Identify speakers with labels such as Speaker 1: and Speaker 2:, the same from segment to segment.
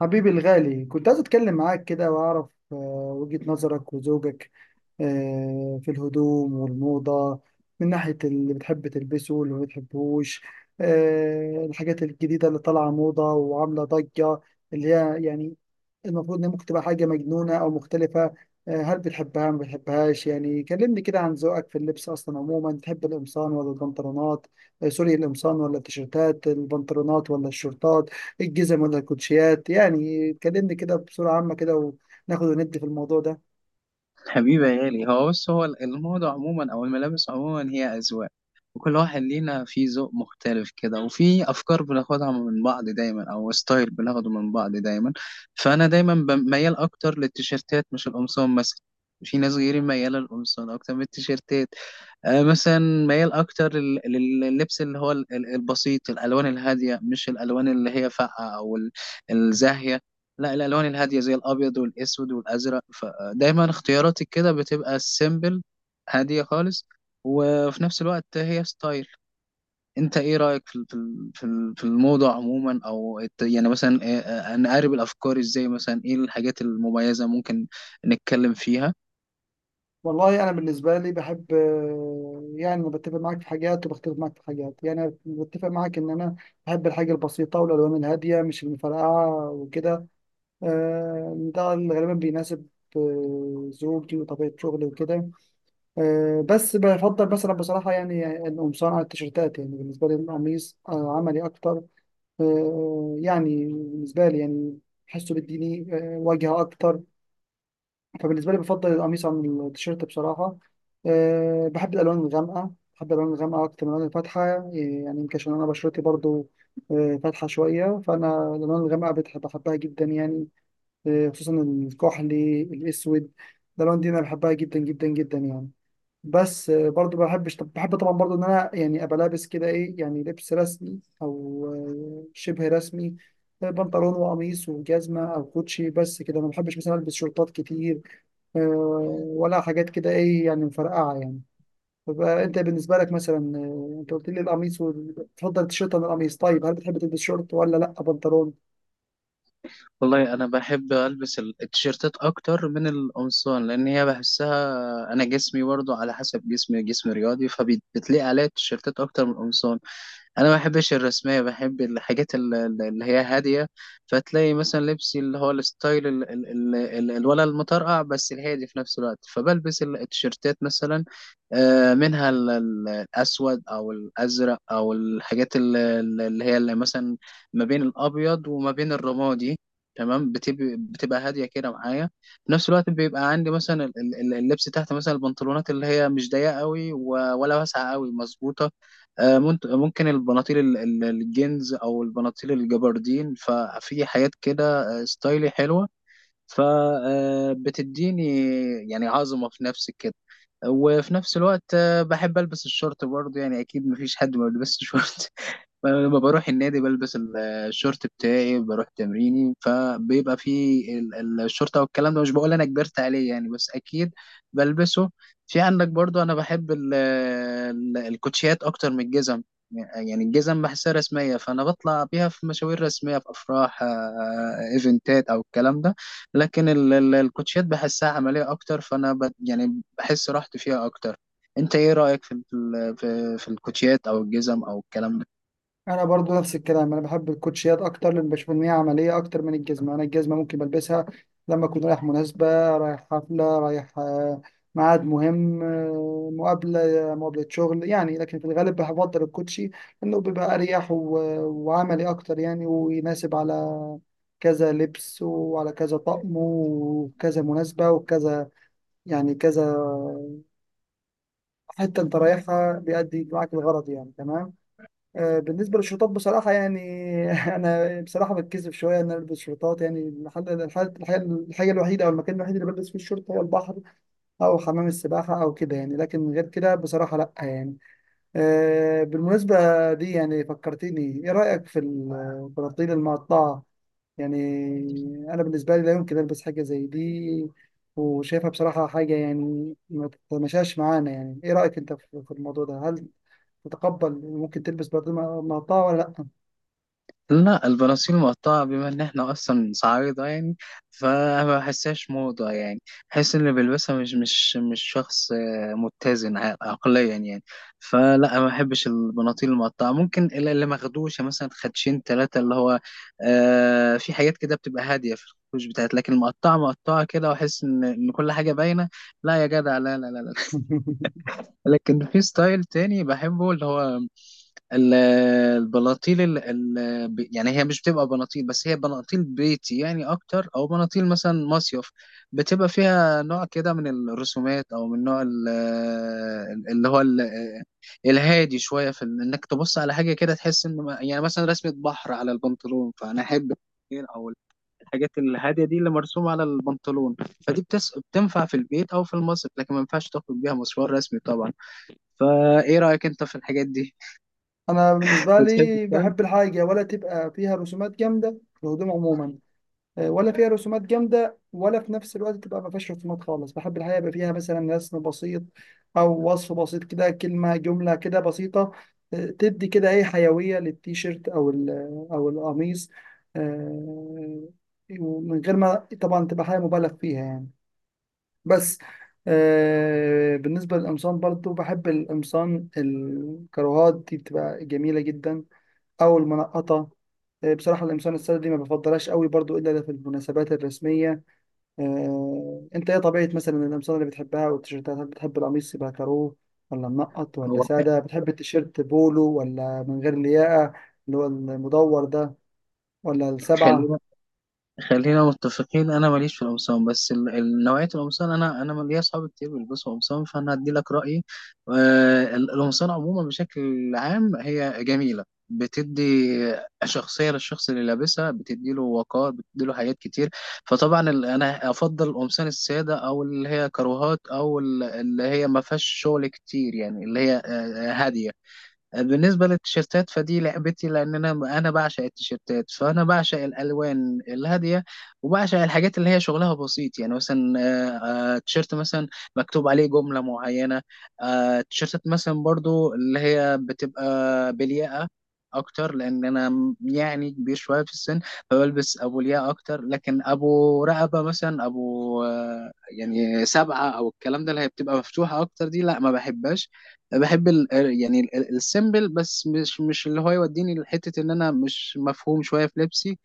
Speaker 1: حبيبي الغالي كنت عايز اتكلم معاك كده واعرف وجهة نظرك وزوجك في الهدوم والموضة من ناحية اللي بتحب تلبسه واللي ما بتحبوش. الحاجات الجديدة اللي طالعة موضة وعاملة ضجة، اللي هي يعني المفروض ان ممكن تبقى حاجه مجنونه او مختلفه. هل بتحبها ما بتحبهاش؟ يعني كلمني كده عن ذوقك في اللبس اصلا عموما، تحب القمصان ولا البنطلونات؟ سوري، القمصان ولا التيشيرتات، البنطلونات ولا الشورتات، الجزم ولا الكوتشيات؟ يعني كلمني كده بصوره عامه كده وناخد وندي في الموضوع ده.
Speaker 2: حبيبي يا غالي، هو الموضة عموما أو الملابس عموما هي أذواق، وكل واحد لينا فيه ذوق مختلف كده، وفي أفكار بناخدها من بعض دايما أو ستايل بناخده من بعض دايما. فأنا دايما ميال أكتر للتيشيرتات، مش القمصان مثلا. في ناس غيري ميالة للقمصان أكتر من التيشيرتات. مثلا ميال أكتر لل- لللبس اللي هو ال- ال- البسيط، الألوان الهادية، مش الألوان اللي هي فاقعة الزاهية. لا، الالوان الهاديه زي الابيض والاسود والازرق، فدايما اختياراتي كده بتبقى سيمبل، هاديه خالص، وفي نفس الوقت هي ستايل. انت ايه رايك في الموضه عموما، يعني مثلا نقارب الافكار ازاي؟ مثلا ايه الحاجات المميزه ممكن نتكلم فيها؟
Speaker 1: والله انا بالنسبه لي بحب، يعني أنا بتفق معاك في حاجات وبختلف معاك في حاجات. يعني أنا بتفق معاك ان انا بحب الحاجه البسيطه والالوان الهاديه مش المفرقعه وكده. ده اللي غالبا بيناسب زوجي وطبيعة شغلي وكده. بس بفضل مثلا بصراحة يعني القمصان على التيشيرتات. يعني بالنسبة لي القميص عملي أكتر. يعني بالنسبة لي يعني بحسه بيديني واجهة أكتر، فبالنسبة لي بفضل القميص عن التيشيرت بصراحة. بحب الألوان الغامقة، بحب الألوان الغامقة أكتر من الألوان الفاتحة. يعني يمكن عشان أنا بشرتي برضو فاتحة شوية، فأنا الألوان الغامقة بحبها جدا يعني. خصوصا الكحلي الاسود، ده لون دي انا بحبها جدا جدا جدا يعني. بس برضو بحبش، طب بحب طبعا برضو ان انا يعني ابقى لابس كده ايه، يعني لبس رسمي او شبه رسمي، بنطلون وقميص وجزمه او كوتشي بس كده. ما بحبش مثلا البس شورتات كتير، آه، ولا حاجات كده ايه يعني مفرقعه يعني. طب انت بالنسبه لك مثلا، انت قلت لي القميص تفضل التيشيرت عن القميص، طيب هل بتحب تلبس شورت ولا لا بنطلون؟
Speaker 2: والله انا بحب البس التيشيرتات اكتر من القمصان، لان هي بحسها، انا جسمي برضو على حسب جسمي جسم رياضي، فبتلاقي عليا التيشيرتات اكتر من القمصان. انا ما بحبش الرسميه، بحب الحاجات اللي هي هاديه. فتلاقي مثلا لبسي اللي هو الستايل الولا المطرقع بس الهادي في نفس الوقت، فبلبس التيشيرتات مثلا. منها الاسود او الازرق، او الحاجات اللي مثلا ما بين الابيض وما بين الرمادي. تمام، بتبقى هاديه كده معايا. في نفس الوقت بيبقى عندي مثلا اللبس تحت، مثلا البنطلونات اللي هي مش ضيقه قوي ولا واسعه قوي، مظبوطه. ممكن البناطيل الجينز او البناطيل الجبردين، ففي حاجات كده ستايلي حلوه، فبتديني يعني عظمة في نفسي كده. وفي نفس الوقت، بحب ألبس الشورت برضه. يعني أكيد مفيش حد ما بيلبسش شورت. لما بروح النادي، بلبس الشورت بتاعي، بروح تمريني، فبيبقى فيه الشورت او الكلام ده. مش بقول انا كبرت عليه يعني، بس اكيد بلبسه. في عندك برضو، انا بحب الكوتشيات اكتر من الجزم. يعني الجزم بحسها رسمية، فانا بطلع بيها في مشاوير رسمية، في افراح، ايفنتات او الكلام ده. لكن الكوتشيات بحسها عملية أكتر، فأنا يعني بحس راحتي فيها أكتر. أنت إيه رأيك في ال- في في الكوتشيات أو الجزم أو الكلام ده؟
Speaker 1: انا برضو نفس الكلام، انا بحب الكوتشيات اكتر لان بشوف ان هي عمليه اكتر من الجزمه. انا الجزمه ممكن بلبسها لما اكون رايح مناسبه، رايح حفله، رايح ميعاد مهم، مقابله، مقابله شغل يعني. لكن في الغالب بفضل الكوتشي لانه بيبقى اريح وعملي اكتر يعني، ويناسب على كذا لبس وعلى كذا طقم وكذا مناسبه وكذا يعني كذا. حتى انت رايحها بيأدي معاك الغرض يعني، تمام. بالنسبة للشرطات بصراحة يعني، أنا بصراحة بتكسف شوية إن أنا ألبس شرطات. يعني المحل الحاجة، الحاجة الوحيدة أو المكان الوحيد اللي بلبس فيه الشورت هو البحر أو حمام السباحة أو كده يعني. لكن غير كده بصراحة لأ يعني. بالمناسبة دي يعني فكرتيني، إيه رأيك في البناطيل المقطعة؟ يعني أنا بالنسبة لي لا يمكن ألبس حاجة زي دي، وشايفها بصراحة حاجة يعني ما تتماشاش معانا. يعني إيه رأيك أنت في في الموضوع ده؟ هل تتقبل ممكن تلبس بناطيل مقطعة ولا لأ؟
Speaker 2: لا، البناطيل مقطعة، بما إن إحنا أصلا صعايدة يعني، فما بحسهاش موضة يعني. بحس إن اللي بيلبسها مش شخص متزن عقليا يعني. فلا، ما بحبش البناطيل المقطعة. ممكن اللي مخدوشة مثلا خدشين تلاتة، اللي هو آه في حاجات كده بتبقى هادية في الخدوش بتاعت. لكن المقطعة مقطعة كده، وأحس إن كل حاجة باينة. لا يا جدع، لا لا لا لا. لكن في ستايل تاني بحبه، اللي هو ال- البناطيل يعني هي مش بتبقى بناطيل بس، هي بناطيل بيتي يعني اكتر، او بناطيل مثلا مصيف. بتبقى فيها نوع كده من الرسومات، او من نوع ال... اللي هو ال... الهادي شويه انك تبص على حاجه كده تحس ان ما- يعني مثلا رسمه بحر على البنطلون، فانا احب او الحاجات الهاديه دي اللي مرسومه على البنطلون. بتنفع في البيت او في المصيف، لكن ما ينفعش تخرج بيها مشوار رسمي طبعا. فايه رايك انت في الحاجات دي؟
Speaker 1: انا بالنسبه
Speaker 2: بتحب؟
Speaker 1: لي بحب الحاجه ولا تبقى فيها رسومات جامده في الهدوم عموما. ولا فيها رسومات جامده ولا في نفس الوقت تبقى ما فيهاش رسومات خالص. بحب الحاجه يبقى فيها مثلا رسم بسيط او وصف بسيط كده، كلمه جمله كده بسيطه، تدي كده ايه حيويه للتيشيرت او او القميص. آه، ومن غير ما طبعا تبقى حاجه مبالغ فيها يعني. بس آه، بالنسبة للقمصان برضو بحب القمصان الكروهات دي، بتبقى جميلة جدا أو المنقطة. آه، بصراحة القمصان السادة دي ما بفضلهاش قوي برضو إلا في المناسبات الرسمية. آه، أنت إيه طبيعة مثلا القمصان اللي بتحبها والتيشيرتات؟ هل بتحب القميص يبقى كاروه ولا منقط ولا
Speaker 2: هو خ-
Speaker 1: سادة؟ بتحب التيشيرت بولو ولا من غير لياقة، اللي هو المدور ده، ولا السبعة؟
Speaker 2: خلينا خلينا متفقين، انا ماليش في القمصان، بس نوعيه القمصان، انا ليا اصحابي كتير بيلبسوا قمصان، فانا هدي لك رايي. القمصان عموما بشكل عام هي جميله، بتدي شخصيه للشخص اللي لابسها، بتدي له وقار، بتدي له حاجات كتير. فطبعا انا افضل القمصان الساده، او اللي هي كروهات، اللي هي ما فيهاش شغل كتير، يعني اللي هي هاديه. بالنسبة للتيشيرتات، فدي لعبتي، لأن أنا بعشق التيشيرتات، فأنا بعشق الألوان الهادية، وبعشق الحاجات اللي هي شغلها بسيط. يعني مثلا تيشيرت مثلا مكتوب عليه جملة معينة. تيشيرتات مثلا برضو اللي هي بتبقى بلياقة أكتر، لأن أنا يعني كبير شوية في السن، فبلبس أبو لياقة أكتر. لكن أبو رقبة مثلا، أبو يعني سبعة، أو الكلام ده اللي هي بتبقى مفتوحة أكتر، دي لا، ما بحبهاش. بحب ال يعني السيمبل، بس مش مش اللي هو يوديني لحتة ان انا مش مفهوم شوية في لبسي.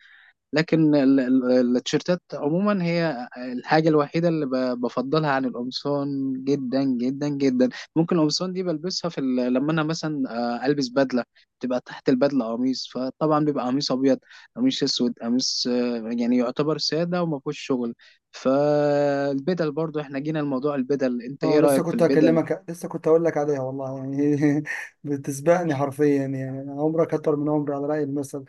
Speaker 2: لكن التيشيرتات عموما هي الحاجة الوحيدة اللي بفضلها عن القمصان، جدا جدا جدا. ممكن القمصان دي بلبسها لما انا مثلا البس بدلة، تبقى تحت البدلة قميص، فطبعا بيبقى قميص ابيض، قميص اسود، قميص يعني يعتبر سادة وما فيهوش شغل. فالبدل برضو، احنا جينا لموضوع البدل، انت
Speaker 1: اه
Speaker 2: ايه
Speaker 1: لسه
Speaker 2: رأيك في
Speaker 1: كنت
Speaker 2: البدل؟
Speaker 1: هكلمك، لسه كنت هقول لك عليها والله يعني. بتسبقني حرفيا يعني، أنا عمرك اكتر من عمري على رأي المثل.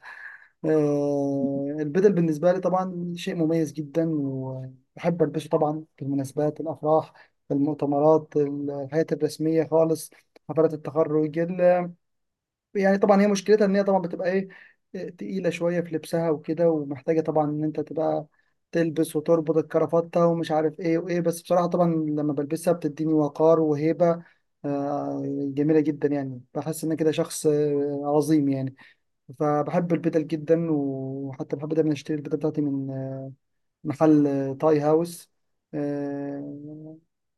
Speaker 1: آه، البدل بالنسبة لي طبعا شيء مميز جدا، وبحب البسه طبعا في المناسبات، الافراح، في المؤتمرات، الحياة الرسمية خالص، حفلات التخرج. يعني طبعا هي مشكلتها ان هي طبعا بتبقى ايه، تقيله شويه في لبسها وكده، ومحتاجه طبعا ان انت تبقى تلبس وتربط الكرافته ومش عارف ايه وايه. بس بصراحه طبعا لما بلبسها بتديني وقار وهيبه، آه، جميله جدا يعني. بحس ان أنا كده شخص عظيم يعني. فبحب البدل جدا، وحتى بحب دايما اشتري البدل بتاعتي من محل تاي هاوس. آه،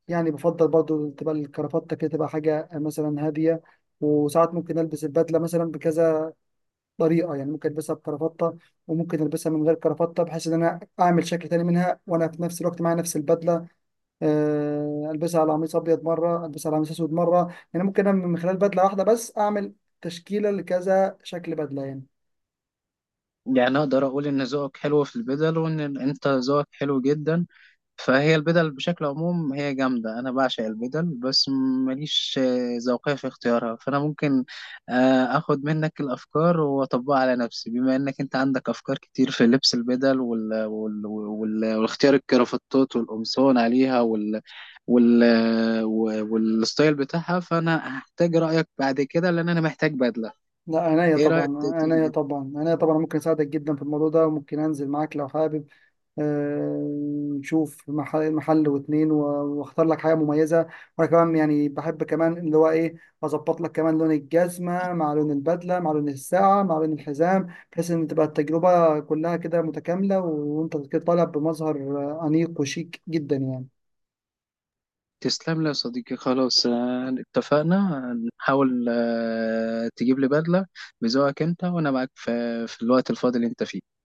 Speaker 1: يعني بفضل برضو تبقى الكرافته كده، تبقى حاجه مثلا هاديه. وساعات ممكن البس البدله مثلا بكذا طريقه، يعني ممكن البسها بكرافته وممكن البسها من غير كرافته، بحيث ان انا اعمل شكل تاني منها وانا في نفس الوقت معايا نفس البدله. البسها على قميص ابيض مره، البسها على قميص اسود مره. يعني ممكن انا من خلال بدله واحده بس اعمل تشكيله لكذا شكل بدله يعني.
Speaker 2: يعني أقدر أقول إن ذوقك حلو في البدل، وإن أنت ذوقك حلو جدا. فهي البدل بشكل عموم هي جامدة، أنا بعشق البدل، بس ماليش ذوقية في اختيارها. فأنا ممكن آخد منك الأفكار وأطبقها على نفسي، بما إنك أنت عندك أفكار كتير في لبس البدل والاختيار، الكرافتات والقمصان عليها وال... والستايل بتاعها. فأنا هحتاج رأيك بعد كده، لأن أنا محتاج بدلة.
Speaker 1: لا عينيا
Speaker 2: إيه رأيك؟
Speaker 1: طبعا، عينيا طبعا، عينيا طبعا، ممكن اساعدك جدا في الموضوع ده، وممكن انزل معاك لو حابب. نشوف محل واتنين واختار لك حاجه مميزه. وانا كمان يعني بحب كمان اللي هو ايه، اظبط لك كمان لون الجزمه مع لون البدله مع لون الساعه مع لون الحزام، بحيث ان تبقى التجربه كلها كده متكامله، وانت كده طالع بمظهر انيق وشيك جدا يعني.
Speaker 2: تسلم لي يا صديقي. خلاص، اتفقنا، هنحاول تجيب لي بدلة بذوقك انت، وانا معاك في في الوقت الفاضي اللي انت فيه.